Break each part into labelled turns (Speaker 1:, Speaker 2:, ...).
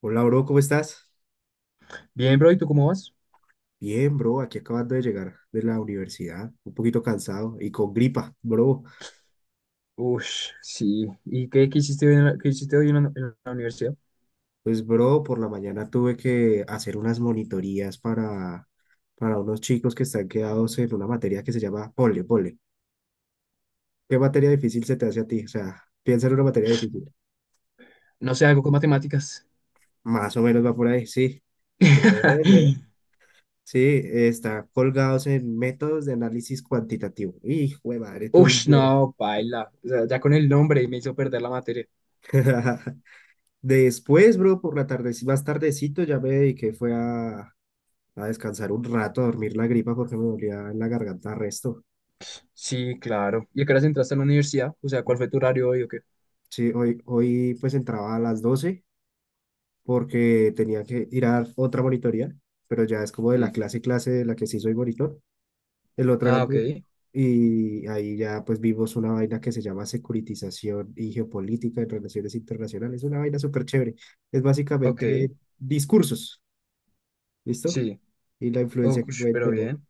Speaker 1: Hola, bro, ¿cómo estás?
Speaker 2: Bien, bro, ¿y tú cómo vas?
Speaker 1: Bien, bro, aquí acabando de llegar de la universidad, un poquito cansado y con gripa, bro.
Speaker 2: Ush, sí. ¿Y qué hiciste hoy en la, en la universidad?
Speaker 1: Pues, bro, por la mañana tuve que hacer unas monitorías para unos chicos que están quedados en una materia que se llama pole, pole. ¿Qué materia difícil se te hace a ti? O sea, piensa en una materia difícil.
Speaker 2: No sé, algo con matemáticas.
Speaker 1: Más o menos va por ahí, sí. Muy bien. Sí, está colgados en métodos de análisis cuantitativo. Hijo de madre, tú lo
Speaker 2: Ush,
Speaker 1: vieras.
Speaker 2: no, paila. O sea, ya con el nombre me hizo perder la materia.
Speaker 1: Después, bro, por la tarde, más tardecito ya me dediqué, fue a descansar un rato, a dormir la gripa porque me dolía en la garganta resto.
Speaker 2: Sí, claro. ¿Y a qué horas entraste a la universidad? O sea, ¿cuál fue tu horario hoy o qué?
Speaker 1: Sí, hoy pues entraba a las 12 porque tenía que ir a dar otra monitoría, pero ya es como de la
Speaker 2: Sí.
Speaker 1: clase de la que sí soy monitor. El otro era
Speaker 2: Ah, ok,
Speaker 1: como- Y ahí ya pues vimos una vaina que se llama securitización y geopolítica en relaciones internacionales. Una vaina súper chévere. Es básicamente
Speaker 2: ok.
Speaker 1: discursos, ¿listo?
Speaker 2: Sí.
Speaker 1: Y la influencia que
Speaker 2: Ush,
Speaker 1: pueden
Speaker 2: pero
Speaker 1: tener.
Speaker 2: bien.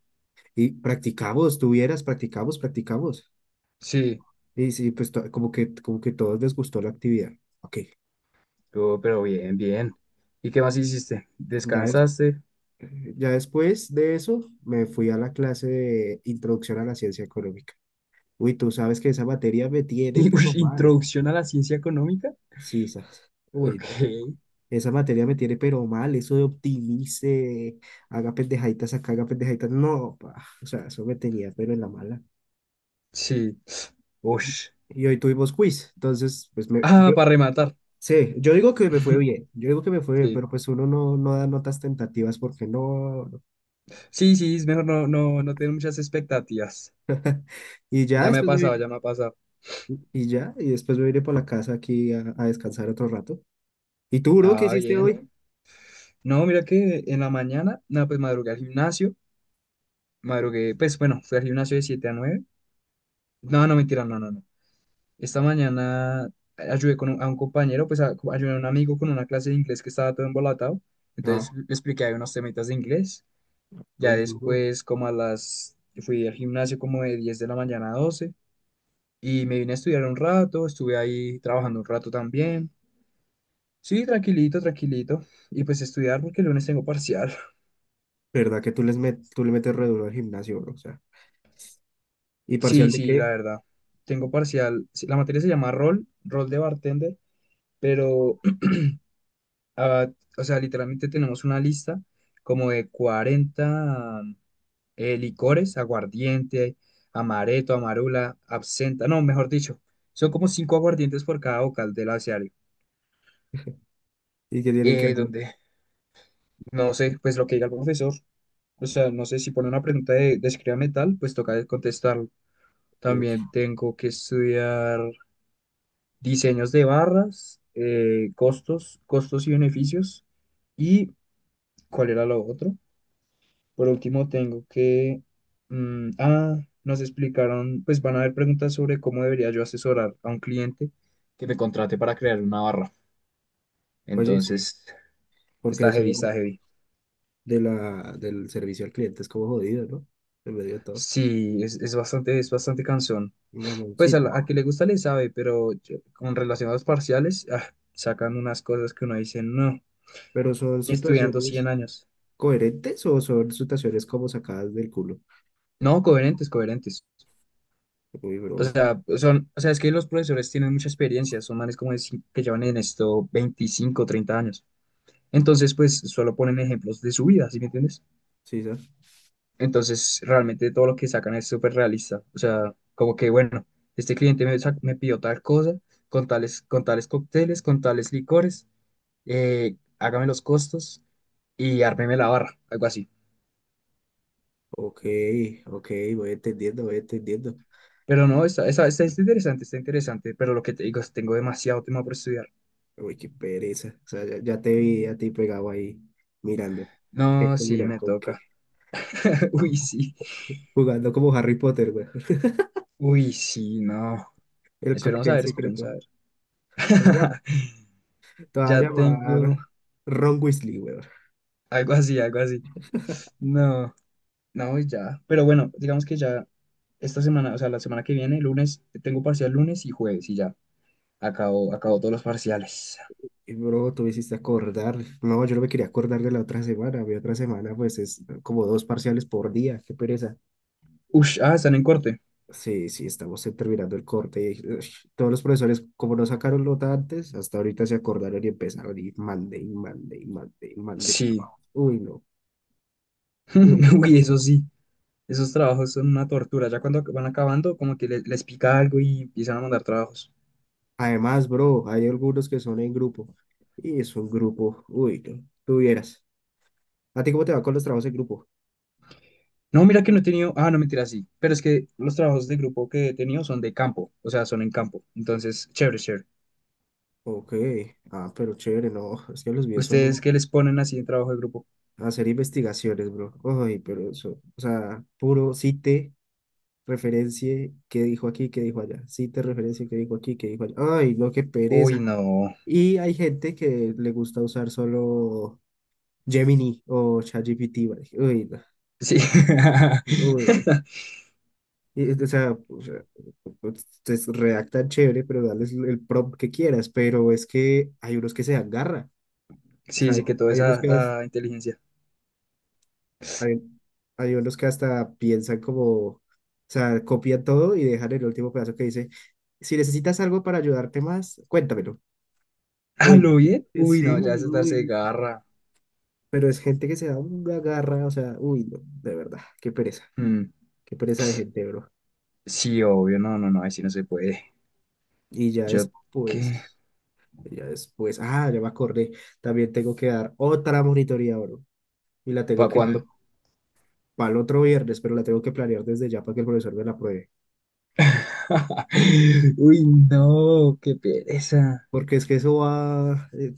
Speaker 1: Y practicamos, tuvieras, practicamos.
Speaker 2: Sí.
Speaker 1: Y sí, pues como que todos les gustó la actividad. Ok,
Speaker 2: Oh, pero bien, bien. ¿Y qué más hiciste?
Speaker 1: ya, des-
Speaker 2: ¿Descansaste?
Speaker 1: ya después de eso me fui a la clase de Introducción a la Ciencia Económica. Uy, tú sabes que esa materia me tiene
Speaker 2: ¿Y
Speaker 1: pero
Speaker 2: ush,
Speaker 1: mal.
Speaker 2: introducción a la ciencia económica?
Speaker 1: Sí, esa, uy,
Speaker 2: Ok.
Speaker 1: no. Esa materia me tiene pero mal, eso de optimice, haga pendejaditas acá, haga pendejaditas, no, pa, o sea, eso me tenía pero en la mala.
Speaker 2: Sí. Ush.
Speaker 1: Y hoy tuvimos quiz, entonces, pues me,
Speaker 2: Ah,
Speaker 1: yo.
Speaker 2: para rematar.
Speaker 1: Sí, yo digo que me fue bien, yo digo que me fue bien,
Speaker 2: Sí.
Speaker 1: pero pues uno no da notas tentativas porque no, no.
Speaker 2: Sí, sí, es mejor no, no, no tener muchas expectativas.
Speaker 1: Y ya
Speaker 2: Ya me ha
Speaker 1: después me
Speaker 2: pasado,
Speaker 1: iré,
Speaker 2: ya me ha pasado.
Speaker 1: y ya, y después me iré por la casa aquí a descansar otro rato. ¿Y tú, bro, qué
Speaker 2: Ah,
Speaker 1: hiciste
Speaker 2: bien.
Speaker 1: hoy?
Speaker 2: No, mira que en la mañana, no, pues madrugué al gimnasio. Madrugué, pues bueno, fui al gimnasio de 7 a 9. No, no, mentira, no, no, no. Esta mañana ayudé a un compañero, pues ayudé a un amigo con una clase de inglés que estaba todo embolatado. Entonces
Speaker 1: Ah,
Speaker 2: le expliqué ahí unos temitas de inglés. Ya
Speaker 1: no, duro.
Speaker 2: después, fui al gimnasio como de 10 de la mañana a 12. Y me vine a estudiar un rato, estuve ahí trabajando un rato también. Sí, tranquilito, tranquilito. Y pues estudiar porque el lunes tengo parcial.
Speaker 1: ¿Verdad que tú tú le metes re duro al gimnasio, bro? O sea, ¿y parcial
Speaker 2: Sí,
Speaker 1: de
Speaker 2: sí, la
Speaker 1: qué?
Speaker 2: verdad. Tengo parcial. Sí, la materia se llama rol de bartender, pero, ah, o sea, literalmente tenemos una lista como de 40 licores, aguardiente, amaretto, amarula, absenta, no, mejor dicho, son como cinco aguardientes por cada vocal del abecedario.
Speaker 1: ¿Y qué tienen que hacer?
Speaker 2: Donde, no sé, pues lo que diga el profesor. O sea, no sé si pone una pregunta de escríbame tal, pues toca de contestarlo.
Speaker 1: Uy,
Speaker 2: También tengo que estudiar diseños de barras, costos y beneficios. ¿Y cuál era lo otro? Por último, tengo que... mm, ah, nos explicaron, pues van a haber preguntas sobre cómo debería yo asesorar a un cliente que me contrate para crear una barra.
Speaker 1: oye, sí,
Speaker 2: Entonces,
Speaker 1: porque
Speaker 2: está
Speaker 1: eso
Speaker 2: heavy,
Speaker 1: de
Speaker 2: está heavy.
Speaker 1: de la, del servicio al cliente es como jodido, ¿no? En medio de todo.
Speaker 2: Sí, es bastante cansón. Pues
Speaker 1: Mamoncito.
Speaker 2: a que le gusta le sabe, pero con relación a los parciales, sacan unas cosas que uno dice, no,
Speaker 1: ¿Pero son
Speaker 2: ni estudiando
Speaker 1: situaciones
Speaker 2: 100 años.
Speaker 1: coherentes o son situaciones como sacadas del culo?
Speaker 2: No, coherentes, coherentes.
Speaker 1: Uy,
Speaker 2: O
Speaker 1: bro,
Speaker 2: sea, o sea, es que los profesores tienen mucha experiencia, son manes que llevan en esto 25, 30 años. Entonces, pues solo ponen ejemplos de su vida, ¿sí me entiendes?
Speaker 1: sí, ¿sabes?
Speaker 2: Entonces, realmente todo lo que sacan es súper realista. O sea, como que, bueno, este cliente me pidió tal cosa, con tales cócteles, con tales licores. Hágame los costos y ármeme la barra, algo así.
Speaker 1: Ok, ok, voy entendiendo, voy entendiendo.
Speaker 2: Pero no, está interesante, pero lo que te digo es tengo demasiado tema por estudiar.
Speaker 1: Uy, qué pereza. O sea, ya te vi a ti pegado ahí mirando.
Speaker 2: No, sí,
Speaker 1: Mira,
Speaker 2: me
Speaker 1: con qué.
Speaker 2: toca. Uy, sí.
Speaker 1: Jugando como Harry Potter, güey.
Speaker 2: Uy, sí, no.
Speaker 1: El
Speaker 2: Esperemos a
Speaker 1: cóctel
Speaker 2: ver, esperemos a
Speaker 1: secreto.
Speaker 2: ver.
Speaker 1: Te voy a llam- te voy a
Speaker 2: Ya tengo
Speaker 1: llamar Ron Weasley, güey.
Speaker 2: algo así, algo así. No, no, y ya. Pero bueno, digamos que ya esta semana, o sea, la semana que viene, lunes, tengo parcial lunes y jueves y ya. Acabo todos los parciales.
Speaker 1: Y bro, tú me hiciste acordar. No, yo no me quería acordar de la otra semana. Mi otra semana, pues, es como dos parciales por día. Qué pereza.
Speaker 2: Ush, están en corte.
Speaker 1: Sí, sí, estamos terminando el corte. Y, uy, todos los profesores, como no sacaron nota antes, hasta ahorita se acordaron y empezaron y mande, y mande, y mande, y mande
Speaker 2: Sí.
Speaker 1: trabajo. Uy, no, uy, no.
Speaker 2: Uy, eso sí, esos trabajos son una tortura. Ya cuando van acabando, como que les, pica algo y empiezan a mandar trabajos.
Speaker 1: Además, bro, hay algunos que son en grupo. Y es un grupo, uy, no. Tuvieras. ¿A ti cómo te va con los trabajos en grupo?
Speaker 2: No, mira que no he tenido, no, mentira, sí. Pero es que los trabajos de grupo que he tenido son de campo, o sea, son en campo. Entonces, chévere, chévere.
Speaker 1: Ok, ah, pero chévere, no. Es que los míos
Speaker 2: ¿Ustedes qué les ponen así en trabajo de grupo?
Speaker 1: hacer investigaciones, bro. Ay, pero eso, o sea, puro cite referencie qué dijo aquí, qué dijo allá. Cite referencia qué dijo aquí, qué dijo allá. Ay, no, qué
Speaker 2: Uy,
Speaker 1: pereza.
Speaker 2: no.
Speaker 1: Y hay gente que le gusta usar solo Gemini o ChatGPT. ¿Vale? Uy, no.
Speaker 2: Sí.
Speaker 1: No, uy, no. Y, o sea, ustedes redactan chévere, pero dales el prompt que quieras, pero es que hay unos que se dan garra. O
Speaker 2: Sí,
Speaker 1: sea,
Speaker 2: sí, que toda
Speaker 1: hay unos que,
Speaker 2: esa inteligencia.
Speaker 1: hay, hay unos que hasta piensan como, o sea, copian todo y dejan el último pedazo que dice, si necesitas algo para ayudarte más, cuéntamelo.
Speaker 2: ¿A
Speaker 1: Uy,
Speaker 2: lo bien? Uy,
Speaker 1: sí,
Speaker 2: no, ya es darse
Speaker 1: uy,
Speaker 2: garra.
Speaker 1: pero es gente que se da una garra, o sea, uy, no, de verdad,
Speaker 2: Mm,
Speaker 1: qué pereza de gente, bro.
Speaker 2: Sí, obvio, no, no, no, así no se puede.
Speaker 1: Y ya
Speaker 2: Yo, ¿qué?
Speaker 1: después, ah, ya me acordé, también tengo que dar otra monitoría, bro, y la tengo
Speaker 2: ¿Para
Speaker 1: que dar
Speaker 2: cuándo?
Speaker 1: para el otro viernes, pero la tengo que planear desde ya para que el profesor me la apruebe,
Speaker 2: Uy, no, qué pereza.
Speaker 1: porque es que eso va eh,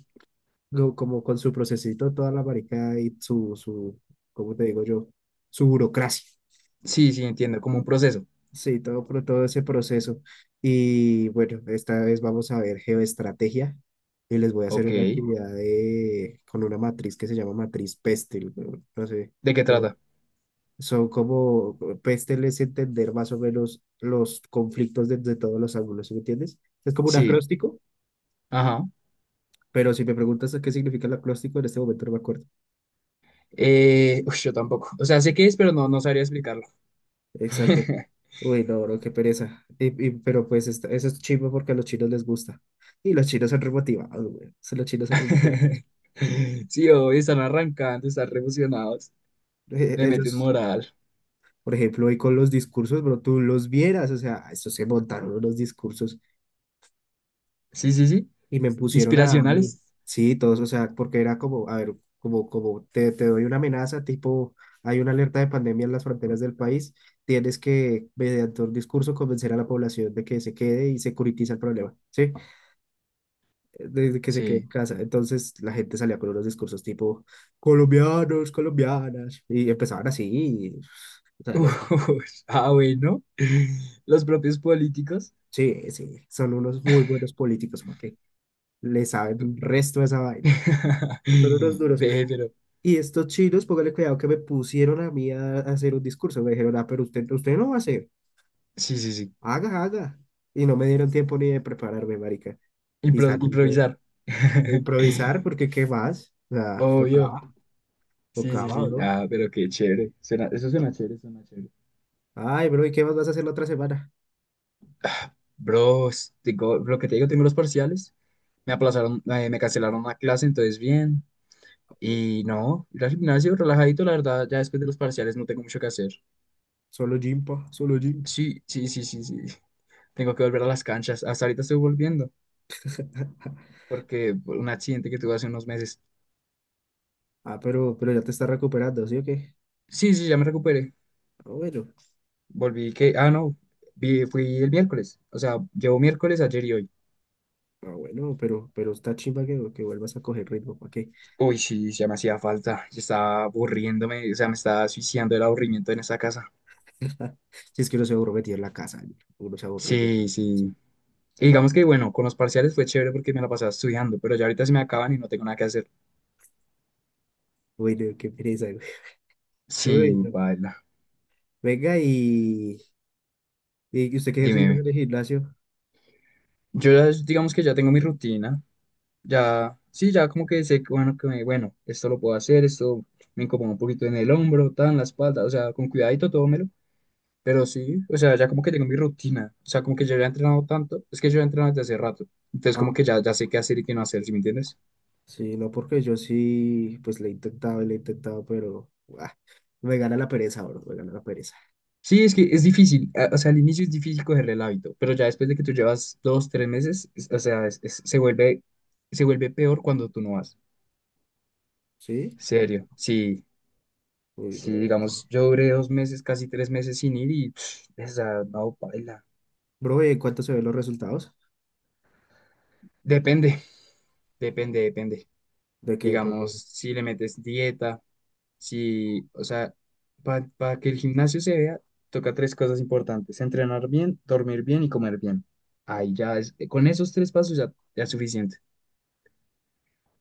Speaker 1: co- como con su procesito, toda la maricada y ¿cómo te digo yo? Su burocracia.
Speaker 2: Sí, sí, entiendo, como un proceso.
Speaker 1: Sí, todo, todo ese proceso. Y bueno, esta vez vamos a ver geoestrategia y les voy a hacer
Speaker 2: Ok.
Speaker 1: una
Speaker 2: ¿De
Speaker 1: actividad con una matriz que se llama matriz Pestel. No, no sé.
Speaker 2: qué
Speaker 1: como-
Speaker 2: trata?
Speaker 1: Son como, Pestel es entender más o menos los conflictos desde todos los ángulos, ¿sí me entiendes? Es como un
Speaker 2: Sí.
Speaker 1: acróstico,
Speaker 2: Ajá.
Speaker 1: pero si me preguntas qué significa el acróstico, en este momento no me acuerdo.
Speaker 2: Uy, yo tampoco. O sea, sé qué es, pero no sabría explicarlo.
Speaker 1: Exacto. Uy, no, bro, qué pereza. Pero pues eso es chivo porque a los chinos les gusta. Y los chinos son remotivados, güey. Sí, los chinos son remotivados.
Speaker 2: Sí, hoy están arrancando, están revolucionados. Le meten
Speaker 1: Ellos,
Speaker 2: moral.
Speaker 1: por ejemplo, hoy con los discursos, bro, tú los vieras, o sea, estos se montaron unos discursos
Speaker 2: Sí, sí, sí.
Speaker 1: y me pusieron a mí.
Speaker 2: Inspiracionales.
Speaker 1: Sí, todos, o sea, porque era como, a ver, como te doy una amenaza, tipo, hay una alerta de pandemia en las fronteras del país, tienes que, mediante un discurso, convencer a la población de que se quede y securitiza el problema, ¿sí? Desde que se quedó en
Speaker 2: Sí.
Speaker 1: casa. Entonces la gente salía con unos discursos tipo colombianos, colombianas, y empezaban así. Y, o
Speaker 2: Uy,
Speaker 1: sea,
Speaker 2: bueno. Los propios políticos.
Speaker 1: sí, sí, son unos muy buenos políticos, ¿para qué? Le saben resto de esa vaina. Son unos duros.
Speaker 2: Ve, pero.
Speaker 1: Y estos chinos, póngale cuidado que me pusieron a mí a hacer un discurso. Me dijeron, ah, pero usted, usted no va a hacer.
Speaker 2: Sí, sí, sí.
Speaker 1: Haga, haga. Y no me dieron tiempo ni de prepararme, marica. Y
Speaker 2: Impro-
Speaker 1: salí yo
Speaker 2: improvisar.
Speaker 1: a improvisar, porque ¿qué más? O sea,
Speaker 2: Obvio.
Speaker 1: tocaba,
Speaker 2: Sí, sí,
Speaker 1: tocaba,
Speaker 2: sí.
Speaker 1: bro.
Speaker 2: Ah, pero qué chévere. Eso suena chévere, suena chévere.
Speaker 1: Ay, bro, ¿y qué más vas a hacer la otra semana?
Speaker 2: Bro, lo que te digo, tengo los parciales. Me aplazaron, me cancelaron una clase, entonces bien. Y no, ir al gimnasio relajadito, la verdad, ya después de los parciales no tengo mucho que hacer.
Speaker 1: Solo gym, pa, solo gym.
Speaker 2: Sí, sí, sí, sí, sí. Tengo que volver a las canchas. Hasta ahorita estoy volviendo, porque por un accidente que tuve hace unos meses.
Speaker 1: Ah, pero ya te estás recuperando, ¿sí o qué?
Speaker 2: Sí, sí, ya me recuperé.
Speaker 1: Ah, bueno.
Speaker 2: Volví que, no, fui el miércoles. O sea, llevo miércoles, ayer y hoy.
Speaker 1: Bueno, pero está chimba que, vuelvas a coger ritmo, ¿para qué?
Speaker 2: Uy, sí, ya me hacía falta. Ya estaba aburriéndome, o sea, me estaba suicidando el aburrimiento en esta casa.
Speaker 1: Si es que uno se aburre metido en la casa, güey. Uno se aburre metido en
Speaker 2: Sí,
Speaker 1: la.
Speaker 2: sí. Y digamos que, bueno, con los parciales fue chévere porque me la pasaba estudiando, pero ya ahorita se me acaban y no tengo nada que hacer.
Speaker 1: Uy, no, qué pereza, güey.
Speaker 2: Sí,
Speaker 1: Uy, no.
Speaker 2: baila.
Speaker 1: Venga, ¿y usted qué ejercicio hace
Speaker 2: Dime.
Speaker 1: en el gimnasio?
Speaker 2: Yo ya, digamos que ya tengo mi rutina. Ya, sí, ya como que sé, que, bueno, que bueno, esto lo puedo hacer, esto me incomoda un poquito en el hombro, tan, la espalda, o sea, con cuidadito todo me lo. Pero sí, o sea, ya como que tengo mi rutina. O sea, como que yo ya he entrenado tanto. Es que yo he entrenado desde hace rato. Entonces, como
Speaker 1: Ah,
Speaker 2: que ya sé qué hacer y qué no hacer, ¿sí me entiendes?
Speaker 1: sí, no, porque yo sí, pues le he intentado y le he intentado, pero ah, me gana la pereza, bro, me gana la pereza.
Speaker 2: Sí, es que es difícil. O sea, al inicio es difícil cogerle el hábito. Pero ya después de que tú llevas 2, 3 meses, o sea, se vuelve peor cuando tú no vas.
Speaker 1: ¿Sí?
Speaker 2: Serio. Sí,
Speaker 1: Uy,
Speaker 2: sí,
Speaker 1: bro.
Speaker 2: digamos, yo duré 2 meses, casi 3 meses sin ir y, pff, o sea, no, paila.
Speaker 1: Bro, ¿y en cuánto se ven los resultados?
Speaker 2: Depende, depende, depende.
Speaker 1: De que, pues.
Speaker 2: Digamos, si le metes dieta. Si, o sea, para que el gimnasio se vea, toca tres cosas importantes: entrenar bien, dormir bien y comer bien. Ahí ya es, con esos tres pasos ya es suficiente.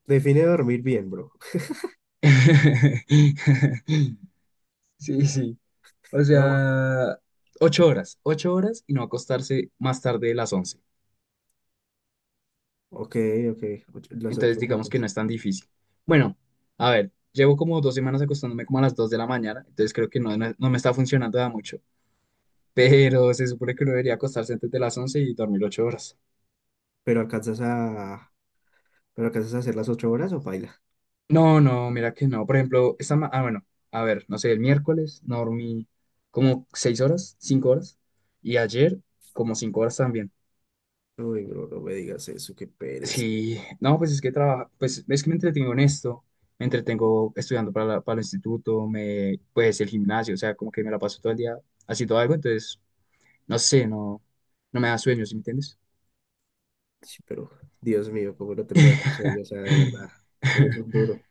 Speaker 1: Define dormir bien, bro.
Speaker 2: Sí, sí. O
Speaker 1: No,
Speaker 2: sea, 8 horas, 8 horas y no acostarse más tarde de las 11.
Speaker 1: ok, ok, las ocho
Speaker 2: Entonces, digamos que no
Speaker 1: horitas.
Speaker 2: es tan difícil. Bueno, a ver, llevo como 2 semanas acostándome como a las 2 de la mañana, entonces creo que no, no, no me está funcionando da mucho. Pero se supone que uno debería acostarse antes de las 11 y dormir 8 horas.
Speaker 1: Pero alcanzas a, pero alcanzas a hacer las 8 horas o baila.
Speaker 2: No, no, mira que no. Por ejemplo, bueno, a ver, no sé, el miércoles no dormí como 6 horas, 5 horas, y ayer como 5 horas también.
Speaker 1: Uy, bro, no me digas eso, qué pereza.
Speaker 2: Sí, no, pues es que trabajo, pues es que me entretengo en esto, me entretengo estudiando para el instituto, pues el gimnasio, o sea, como que me la paso todo el día haciendo algo, entonces, no sé, no me da sueño, ¿sí me entiendes?
Speaker 1: Sí, pero, Dios mío, cómo no te puede dar sueño, o sea, de verdad, eres un duro.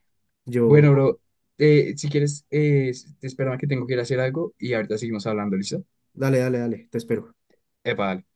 Speaker 1: Yo,
Speaker 2: Bueno, bro, si quieres, te espero que tengo que ir a hacer algo y ahorita seguimos hablando, ¿listo?
Speaker 1: dale, dale, dale, te espero.
Speaker 2: Epa, dale.